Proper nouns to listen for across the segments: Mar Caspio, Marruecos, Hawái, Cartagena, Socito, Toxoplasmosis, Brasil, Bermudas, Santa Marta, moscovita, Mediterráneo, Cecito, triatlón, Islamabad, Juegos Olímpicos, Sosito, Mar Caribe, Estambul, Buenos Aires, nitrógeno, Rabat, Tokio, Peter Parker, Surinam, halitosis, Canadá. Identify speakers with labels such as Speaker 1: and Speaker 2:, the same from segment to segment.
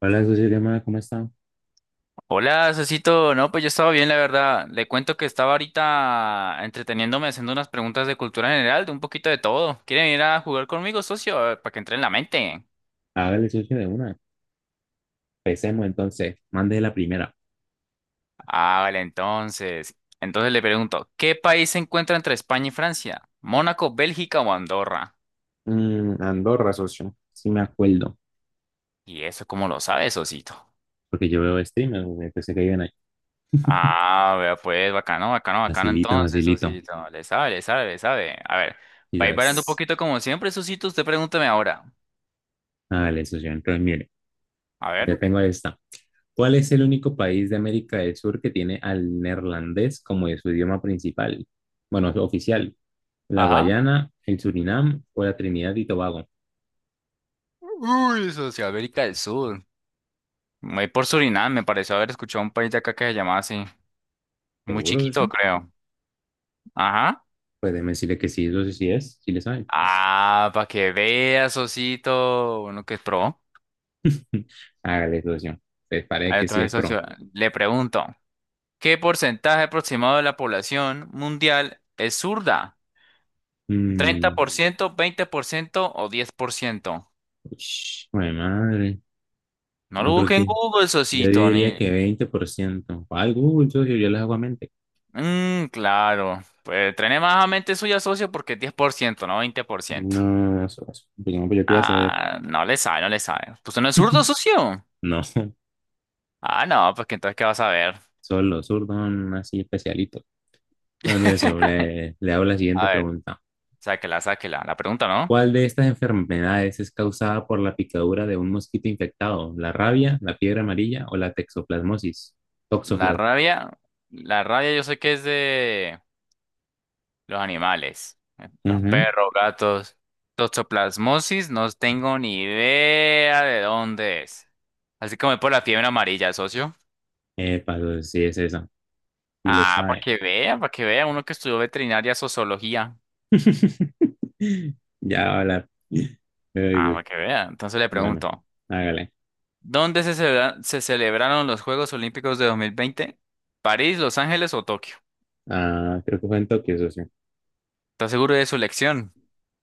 Speaker 1: Hola, socio Lema, ¿cómo está?
Speaker 2: Hola, Cecito. No, pues yo estaba bien, la verdad. Le cuento que estaba ahorita entreteniéndome haciendo unas preguntas de cultura general, de un poquito de todo. ¿Quieren ir a jugar conmigo, socio? A ver, para que entre en la mente.
Speaker 1: Hágale, socio, de una. Empecemos entonces. Mande la primera.
Speaker 2: Ah, vale, entonces. Entonces le pregunto, ¿qué país se encuentra entre España y Francia? ¿Mónaco, Bélgica o Andorra?
Speaker 1: Andorra, socio. Sí me acuerdo.
Speaker 2: ¿Y eso cómo lo sabe, Sosito?
Speaker 1: Porque yo veo streamers, socio, pensé que iban ahí.
Speaker 2: Ah, vea, pues, bacano, bacano, bacano.
Speaker 1: Facilito,
Speaker 2: Entonces,
Speaker 1: facilito.
Speaker 2: Sosito, le sabe, le sabe, le sabe. A ver, va a ir variando un
Speaker 1: Quizás.
Speaker 2: poquito como siempre, Sosito. Usted pregúntame ahora.
Speaker 1: Hágale, socio. Entonces, mire,
Speaker 2: A ver.
Speaker 1: ya tengo esta. ¿Cuál es el único país de América del Sur que tiene al neerlandés como de su idioma principal? Bueno, oficial. ¿La
Speaker 2: Ajá.
Speaker 1: Guayana, el Surinam o la Trinidad y Tobago?
Speaker 2: Uy, Socioamérica del Sur. Voy por Surinam, me pareció haber escuchado un país de acá que se llamaba así. Muy
Speaker 1: ¿Seguro,
Speaker 2: chiquito,
Speaker 1: socio?
Speaker 2: creo. Ajá.
Speaker 1: Pues déjeme decirle que sí, socio, sí es. Sí le sabe.
Speaker 2: Ah, para que veas, Socito. Uno que es pro.
Speaker 1: Hágale, socio. Pues parece
Speaker 2: A ver,
Speaker 1: que sí es
Speaker 2: entonces,
Speaker 1: pro.
Speaker 2: socio, le pregunto, ¿qué porcentaje aproximado de la población mundial es zurda? ¿treinta
Speaker 1: Mm,
Speaker 2: por ciento 20% o 10%?
Speaker 1: ush, jue de madre.
Speaker 2: No lo
Speaker 1: No creo
Speaker 2: busque en
Speaker 1: que.
Speaker 2: Google,
Speaker 1: Yo
Speaker 2: Socito,
Speaker 1: diría
Speaker 2: ni...
Speaker 1: que 20%. Ay, Google, socio, yo les hago a mente.
Speaker 2: Mm, claro. Pues trene más a mente suya, socio, porque es 10%, no 20%.
Speaker 1: No, socio. Pues no, pues yo quiero saber.
Speaker 2: Ah, no le sabe, no le sabe. Pues no es zurdo, socio.
Speaker 1: No,
Speaker 2: Ah, no, pues que entonces, ¿qué vas a ver?
Speaker 1: solo los zurdos así especialitos. Bueno, mire, socio, le hago la siguiente
Speaker 2: A ver,
Speaker 1: pregunta.
Speaker 2: sáquela, sáquela. La pregunta, ¿no?
Speaker 1: ¿Cuál de estas enfermedades es causada por la picadura de un mosquito infectado? ¿La rabia, la fiebre amarilla o la texoplasmosis?
Speaker 2: La
Speaker 1: Toxoplasmosis.
Speaker 2: rabia, la rabia yo sé que es de los animales. Los
Speaker 1: Ujú.
Speaker 2: perros, gatos. Toxoplasmosis, no tengo ni idea de dónde es. Así como es por la fiebre amarilla, socio.
Speaker 1: Epa, socio, sí, es esa. Y le
Speaker 2: Ah,
Speaker 1: sabe.
Speaker 2: para que vea, uno que estudió veterinaria, sociología.
Speaker 1: Ya, hola.
Speaker 2: Ah,
Speaker 1: Ay,
Speaker 2: para que vea. Entonces le
Speaker 1: bueno,
Speaker 2: pregunto.
Speaker 1: hágale.
Speaker 2: ¿Dónde se celebraron los Juegos Olímpicos de 2020? ¿París, Los Ángeles o Tokio?
Speaker 1: Ah, creo que fue en Tokio, eso sí.
Speaker 2: ¿Estás seguro de su elección?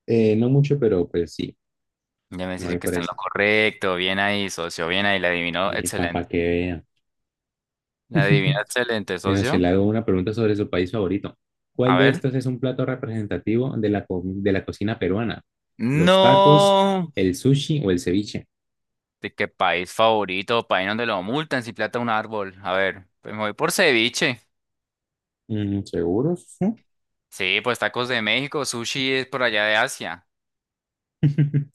Speaker 1: No mucho, pero pues sí,
Speaker 2: Ya me
Speaker 1: me
Speaker 2: dice
Speaker 1: voy
Speaker 2: que
Speaker 1: por
Speaker 2: está en lo
Speaker 1: esa.
Speaker 2: correcto. Bien ahí, socio. Bien ahí. La adivinó.
Speaker 1: Y papá,
Speaker 2: Excelente.
Speaker 1: que vea.
Speaker 2: La adivinó. Excelente,
Speaker 1: Bueno, se
Speaker 2: socio.
Speaker 1: le hago una pregunta sobre su país favorito.
Speaker 2: A
Speaker 1: ¿Cuál de
Speaker 2: ver.
Speaker 1: estos es un plato representativo de la, de la cocina peruana? ¿Los tacos,
Speaker 2: No.
Speaker 1: el sushi o el ceviche?
Speaker 2: ¿De qué país favorito? País donde lo multan si plata un árbol. A ver. Pues me voy por ceviche.
Speaker 1: ¿Seguros? ¿No?
Speaker 2: Sí, pues tacos de México. Sushi es por allá de Asia.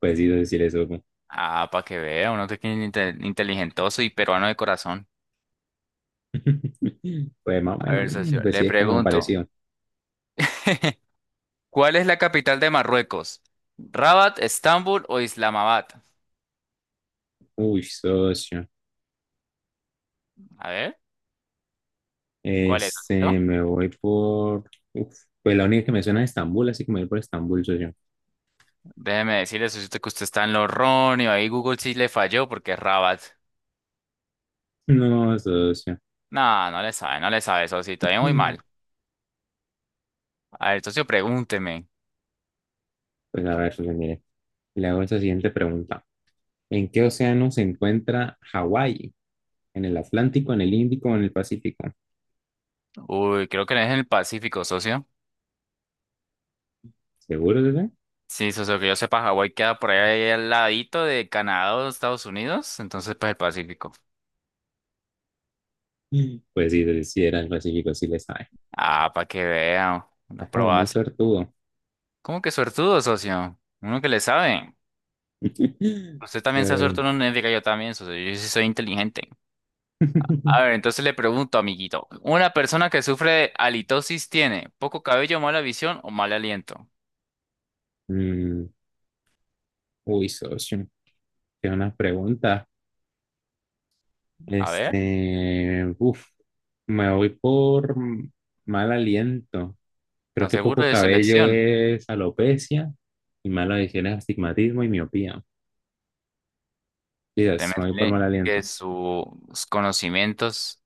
Speaker 1: Pues sí, decir eso.
Speaker 2: Ah, para que vea. Uno que es inteligentoso y peruano de corazón.
Speaker 1: Pues más o
Speaker 2: A
Speaker 1: menos,
Speaker 2: ver,
Speaker 1: ¿no?
Speaker 2: socio,
Speaker 1: Pues
Speaker 2: le
Speaker 1: sí, es como
Speaker 2: pregunto,
Speaker 1: parecido.
Speaker 2: ¿cuál es la capital de Marruecos? ¿Rabat, Estambul o Islamabad?
Speaker 1: Uy, socio.
Speaker 2: A ver, ¿cuál es,
Speaker 1: Este,
Speaker 2: Sosito?
Speaker 1: me voy por. Uf, pues la única que me suena es Estambul, así que me voy por Estambul, socio.
Speaker 2: Déjeme decirle, Sosito, que usted está en lo erróneo. Ahí Google sí le falló porque es Rabat.
Speaker 1: No, socio.
Speaker 2: No, no le sabe, no le sabe, Sosito. Ahí muy
Speaker 1: Pues
Speaker 2: mal. A ver, socio, pregúnteme.
Speaker 1: a ver, socio, mire. Le hago esa siguiente pregunta. ¿En qué océano se encuentra Hawái? ¿En el Atlántico, en el Índico o en el Pacífico?
Speaker 2: Uy, creo que no es en el Pacífico, socio.
Speaker 1: ¿Seguro, socio?
Speaker 2: Sí, socio, que yo sepa, Hawái queda por ahí al ladito de Canadá o Estados Unidos. Entonces, pues el Pacífico.
Speaker 1: Pues sí, socio, sí, era el Pacífico, sí le sabe.
Speaker 2: Ah, para que vean. Unas
Speaker 1: Está como muy
Speaker 2: probas.
Speaker 1: suertudo.
Speaker 2: ¿Cómo que suertudo, socio? Uno que le sabe. Usted
Speaker 1: A
Speaker 2: también se ha
Speaker 1: ver.
Speaker 2: suelto en una ética, yo también, socio, yo sí soy inteligente. A ver, entonces le pregunto, amiguito, ¿una persona que sufre de halitosis tiene poco cabello, mala visión o mal aliento?
Speaker 1: Mm, uy, socio. Qué una pregunta.
Speaker 2: A ver,
Speaker 1: Este, uff, me voy por mal aliento.
Speaker 2: ¿está
Speaker 1: Creo que
Speaker 2: seguro
Speaker 1: poco
Speaker 2: de su
Speaker 1: cabello
Speaker 2: elección?
Speaker 1: es alopecia y mala visión es astigmatismo y miopía. Dios,
Speaker 2: Teme
Speaker 1: me voy por mal
Speaker 2: que
Speaker 1: aliento.
Speaker 2: sus conocimientos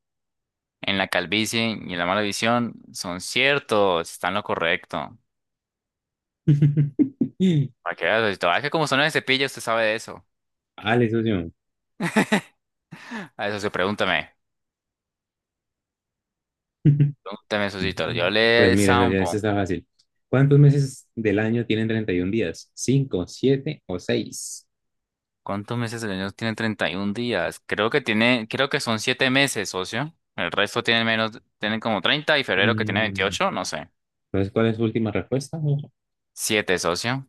Speaker 2: en la calvicie y en la mala visión son ciertos, están lo correcto. Para que vea, socito, es que como son de cepillo, usted sabe de eso.
Speaker 1: Ale, socio.
Speaker 2: A ver, socio, pregúntame, pregúntame, socito, yo
Speaker 1: Pues
Speaker 2: le
Speaker 1: mira, socio, esto
Speaker 2: zampo.
Speaker 1: está fácil. ¿Cuántos meses del año tienen 31 días? ¿Cinco, siete o seis?
Speaker 2: ¿Cuántos meses del año tiene 31 días? Creo que tiene, creo que son 7 meses, socio. El resto tienen menos, tienen como 30 y febrero que tiene
Speaker 1: Mm,
Speaker 2: 28, no sé.
Speaker 1: Entonces, ¿cuál es su última respuesta, socio?
Speaker 2: 7, socio.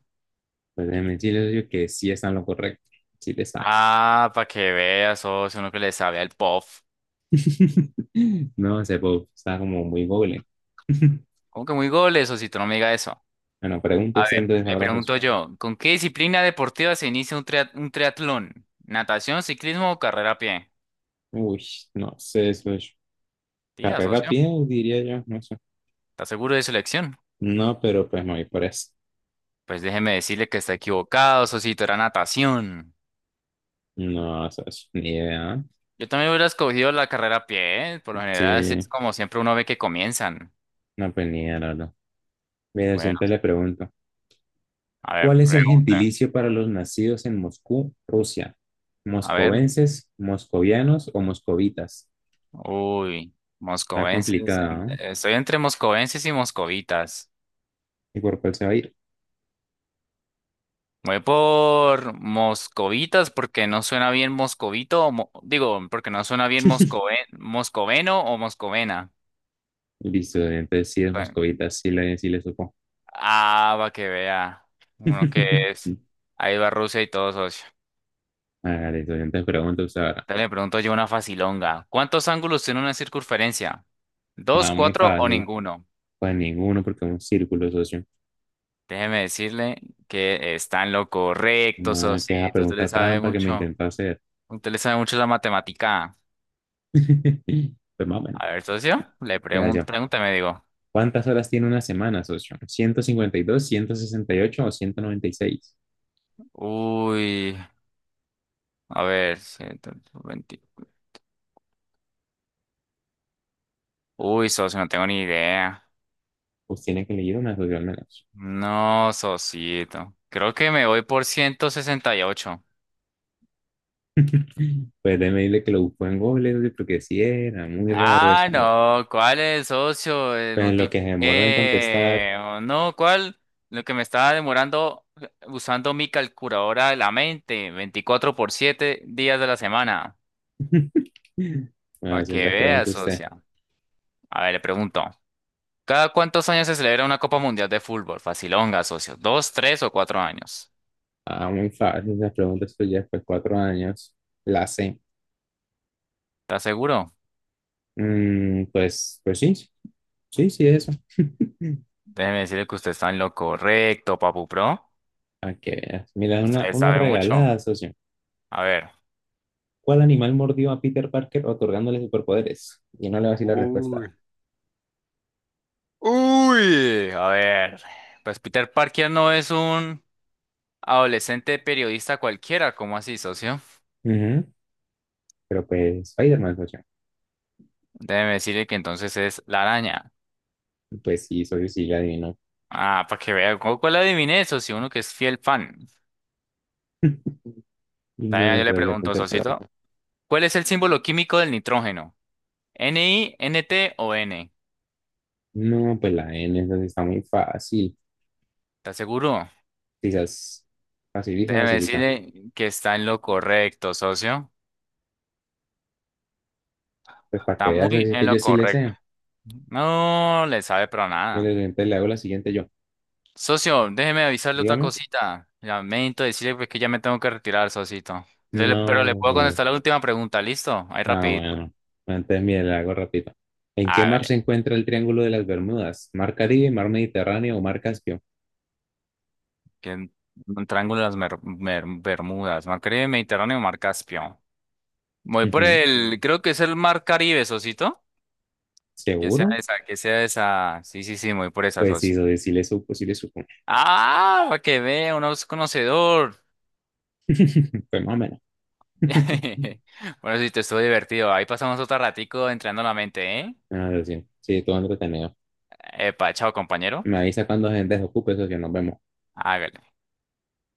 Speaker 1: Pues déjeme decirle, socio, que sí está en lo correcto. Sí le sabe.
Speaker 2: Ah, para que veas, socio, uno que le sabe al POF.
Speaker 1: No, ese pop está como muy goble.
Speaker 2: ¿Cómo que muy goles, socito? No me diga eso.
Speaker 1: Bueno, pregunte
Speaker 2: A
Speaker 1: usted
Speaker 2: ver,
Speaker 1: entonces
Speaker 2: le
Speaker 1: ahora, Jesús.
Speaker 2: pregunto yo, ¿con qué disciplina deportiva se inicia un triatlón? ¿Natación, ciclismo o carrera a pie?
Speaker 1: Uy, no sé, eso es
Speaker 2: Diga,
Speaker 1: carrera
Speaker 2: socio,
Speaker 1: bien, diría yo, no sé.
Speaker 2: ¿está seguro de su elección?
Speaker 1: No, pero pues me voy por eso.
Speaker 2: Pues déjeme decirle que está equivocado, socito, era natación.
Speaker 1: No, eso es ni idea, ¿ah?
Speaker 2: Yo también hubiera escogido la carrera a pie, ¿eh? Por lo general, así
Speaker 1: Sí,
Speaker 2: es como siempre uno ve que comienzan.
Speaker 1: no, pues ni idea, la verdad. Mira, yo
Speaker 2: Bueno,
Speaker 1: entonces le pregunto,
Speaker 2: a ver,
Speaker 1: ¿cuál es el
Speaker 2: pregunta.
Speaker 1: gentilicio para los nacidos en Moscú, Rusia?
Speaker 2: A ver,
Speaker 1: ¿Moscovenses, moscovianos o moscovitas?
Speaker 2: uy,
Speaker 1: Está
Speaker 2: moscovenses.
Speaker 1: complicada, ¿no?
Speaker 2: Estoy entre moscovenses y moscovitas.
Speaker 1: ¿Y por cuál se va a ir?
Speaker 2: Voy por moscovitas porque no suena bien moscovito, o digo, porque no suena bien moscoveno o moscovena.
Speaker 1: Listo, entonces sí es
Speaker 2: Bueno,
Speaker 1: moscovitas, sí le supo.
Speaker 2: ah, va que vea. Uno que es. Ahí va Rusia y todo, socio.
Speaker 1: Hágale, socio. Entonces pregunta usted ahora.
Speaker 2: Dale, pregunto yo una facilonga. ¿Cuántos ángulos tiene una circunferencia? ¿Dos,
Speaker 1: Ah, muy
Speaker 2: cuatro o
Speaker 1: fácil.
Speaker 2: ninguno?
Speaker 1: Pues ninguno, porque es un círculo, socio.
Speaker 2: Déjeme decirle que está en lo correcto,
Speaker 1: Nada que esa
Speaker 2: socito. Usted le
Speaker 1: pregunta
Speaker 2: sabe
Speaker 1: trampa que me
Speaker 2: mucho.
Speaker 1: intentó hacer.
Speaker 2: Usted le sabe mucho la matemática.
Speaker 1: Pues más o menos.
Speaker 2: A ver, socio, le
Speaker 1: Mira,
Speaker 2: pregunto,
Speaker 1: yo.
Speaker 2: pregúntame, digo.
Speaker 1: ¿Cuántas horas tiene una semana, socio? 152, 168 o 196.
Speaker 2: Uy, a ver, 120. Uy, socio, no tengo ni idea.
Speaker 1: Pues tiene que leer una, socio, al menos.
Speaker 2: No, socito. Creo que me voy por 168.
Speaker 1: Pues déjeme decirle que lo buscó en Google, socio, porque sí era muy raro
Speaker 2: Ah,
Speaker 1: eso, ¿no?
Speaker 2: no, ¿cuál es, socio?
Speaker 1: Pues en lo que se demoró en contestar.
Speaker 2: Multipliqué. O no, ¿cuál? Lo que me estaba demorando usando mi calculadora de la mente, 24 por 7 días de la semana. Para
Speaker 1: Bueno, si
Speaker 2: que
Speaker 1: entonces
Speaker 2: veas,
Speaker 1: pregunta usted.
Speaker 2: socia. A ver, le pregunto. ¿Cada cuántos años se celebra una Copa Mundial de Fútbol? Facilonga, socio. ¿Dos, tres o cuatro años?
Speaker 1: Ah, muy fácil, las preguntas que ya después de 4 años la sé.
Speaker 2: ¿Estás seguro?
Speaker 1: Pues sí, sí, sí, eso.
Speaker 2: Déjeme decirle que usted está en lo correcto, Papu Pro.
Speaker 1: A que veas. Mira,
Speaker 2: Usted
Speaker 1: una,
Speaker 2: le
Speaker 1: una
Speaker 2: sabe mucho.
Speaker 1: regalada, socio.
Speaker 2: A ver.
Speaker 1: ¿Cuál animal mordió a Peter Parker otorgándole superpoderes? Y no le va a decir la respuesta.
Speaker 2: Uy. Uy, a ver, pues Peter Parker no es un adolescente periodista cualquiera, ¿cómo así, socio?
Speaker 1: Ujú. Pero pues, Spider-Man, socio.
Speaker 2: Déjeme decirle que entonces es la araña.
Speaker 1: Pues sí, socio, sí, la adivino.
Speaker 2: Ah, para que vea, ¿cu- ¿cuál adiviné, socio? Uno que es fiel fan. También
Speaker 1: No,
Speaker 2: yo le
Speaker 1: socio,
Speaker 2: pregunto,
Speaker 1: entonces,
Speaker 2: socito, ¿cuál es el símbolo químico del nitrógeno? ¿N, I, N t o N?
Speaker 1: no, pues la N, entonces está muy fácil.
Speaker 2: ¿Estás seguro?
Speaker 1: Quizás facilita,
Speaker 2: Déjeme
Speaker 1: facilita.
Speaker 2: decirle que está en lo correcto, socio.
Speaker 1: Pues para que
Speaker 2: Está
Speaker 1: veas,
Speaker 2: muy
Speaker 1: socio,
Speaker 2: en
Speaker 1: que yo
Speaker 2: lo
Speaker 1: sí le
Speaker 2: correcto.
Speaker 1: sé.
Speaker 2: No le sabe pero
Speaker 1: Mira,
Speaker 2: nada.
Speaker 1: entonces le hago la siguiente yo.
Speaker 2: Socio, déjeme avisarle otra
Speaker 1: Dígame.
Speaker 2: cosita. Lamento decirle pues, que ya me tengo que retirar, socito. Pero le
Speaker 1: No,
Speaker 2: puedo
Speaker 1: no.
Speaker 2: contestar la última pregunta, ¿listo? Ahí
Speaker 1: Ah,
Speaker 2: rapidito.
Speaker 1: bueno. Antes, mire, la hago rápido. ¿En qué mar se
Speaker 2: Hágale.
Speaker 1: encuentra el Triángulo de las Bermudas? ¿Mar Caribe, Mar Mediterráneo o Mar Caspio?
Speaker 2: Que un triángulo de las Bermudas, Mar Caribe, Mediterráneo, Mar Caspio. Voy por
Speaker 1: Ujú.
Speaker 2: el, creo que es el Mar Caribe, socito. Que sea
Speaker 1: ¿Seguro?
Speaker 2: esa, que sea esa. Sí, sí, sí, voy por esa,
Speaker 1: Pues sí,
Speaker 2: socio.
Speaker 1: sí le supo, sí le supo.
Speaker 2: Ah, para que vea, uno es conocedor.
Speaker 1: Pues más o menos.
Speaker 2: Bueno, sí, te estuvo divertido. Ahí pasamos otro ratico entrenando la mente, ¿eh?
Speaker 1: Ah, lo siento. Sí, todo entretenido.
Speaker 2: Epa, chao, compañero.
Speaker 1: Me avisa cuando gente se ocupe, eso que nos vemos.
Speaker 2: Hágale.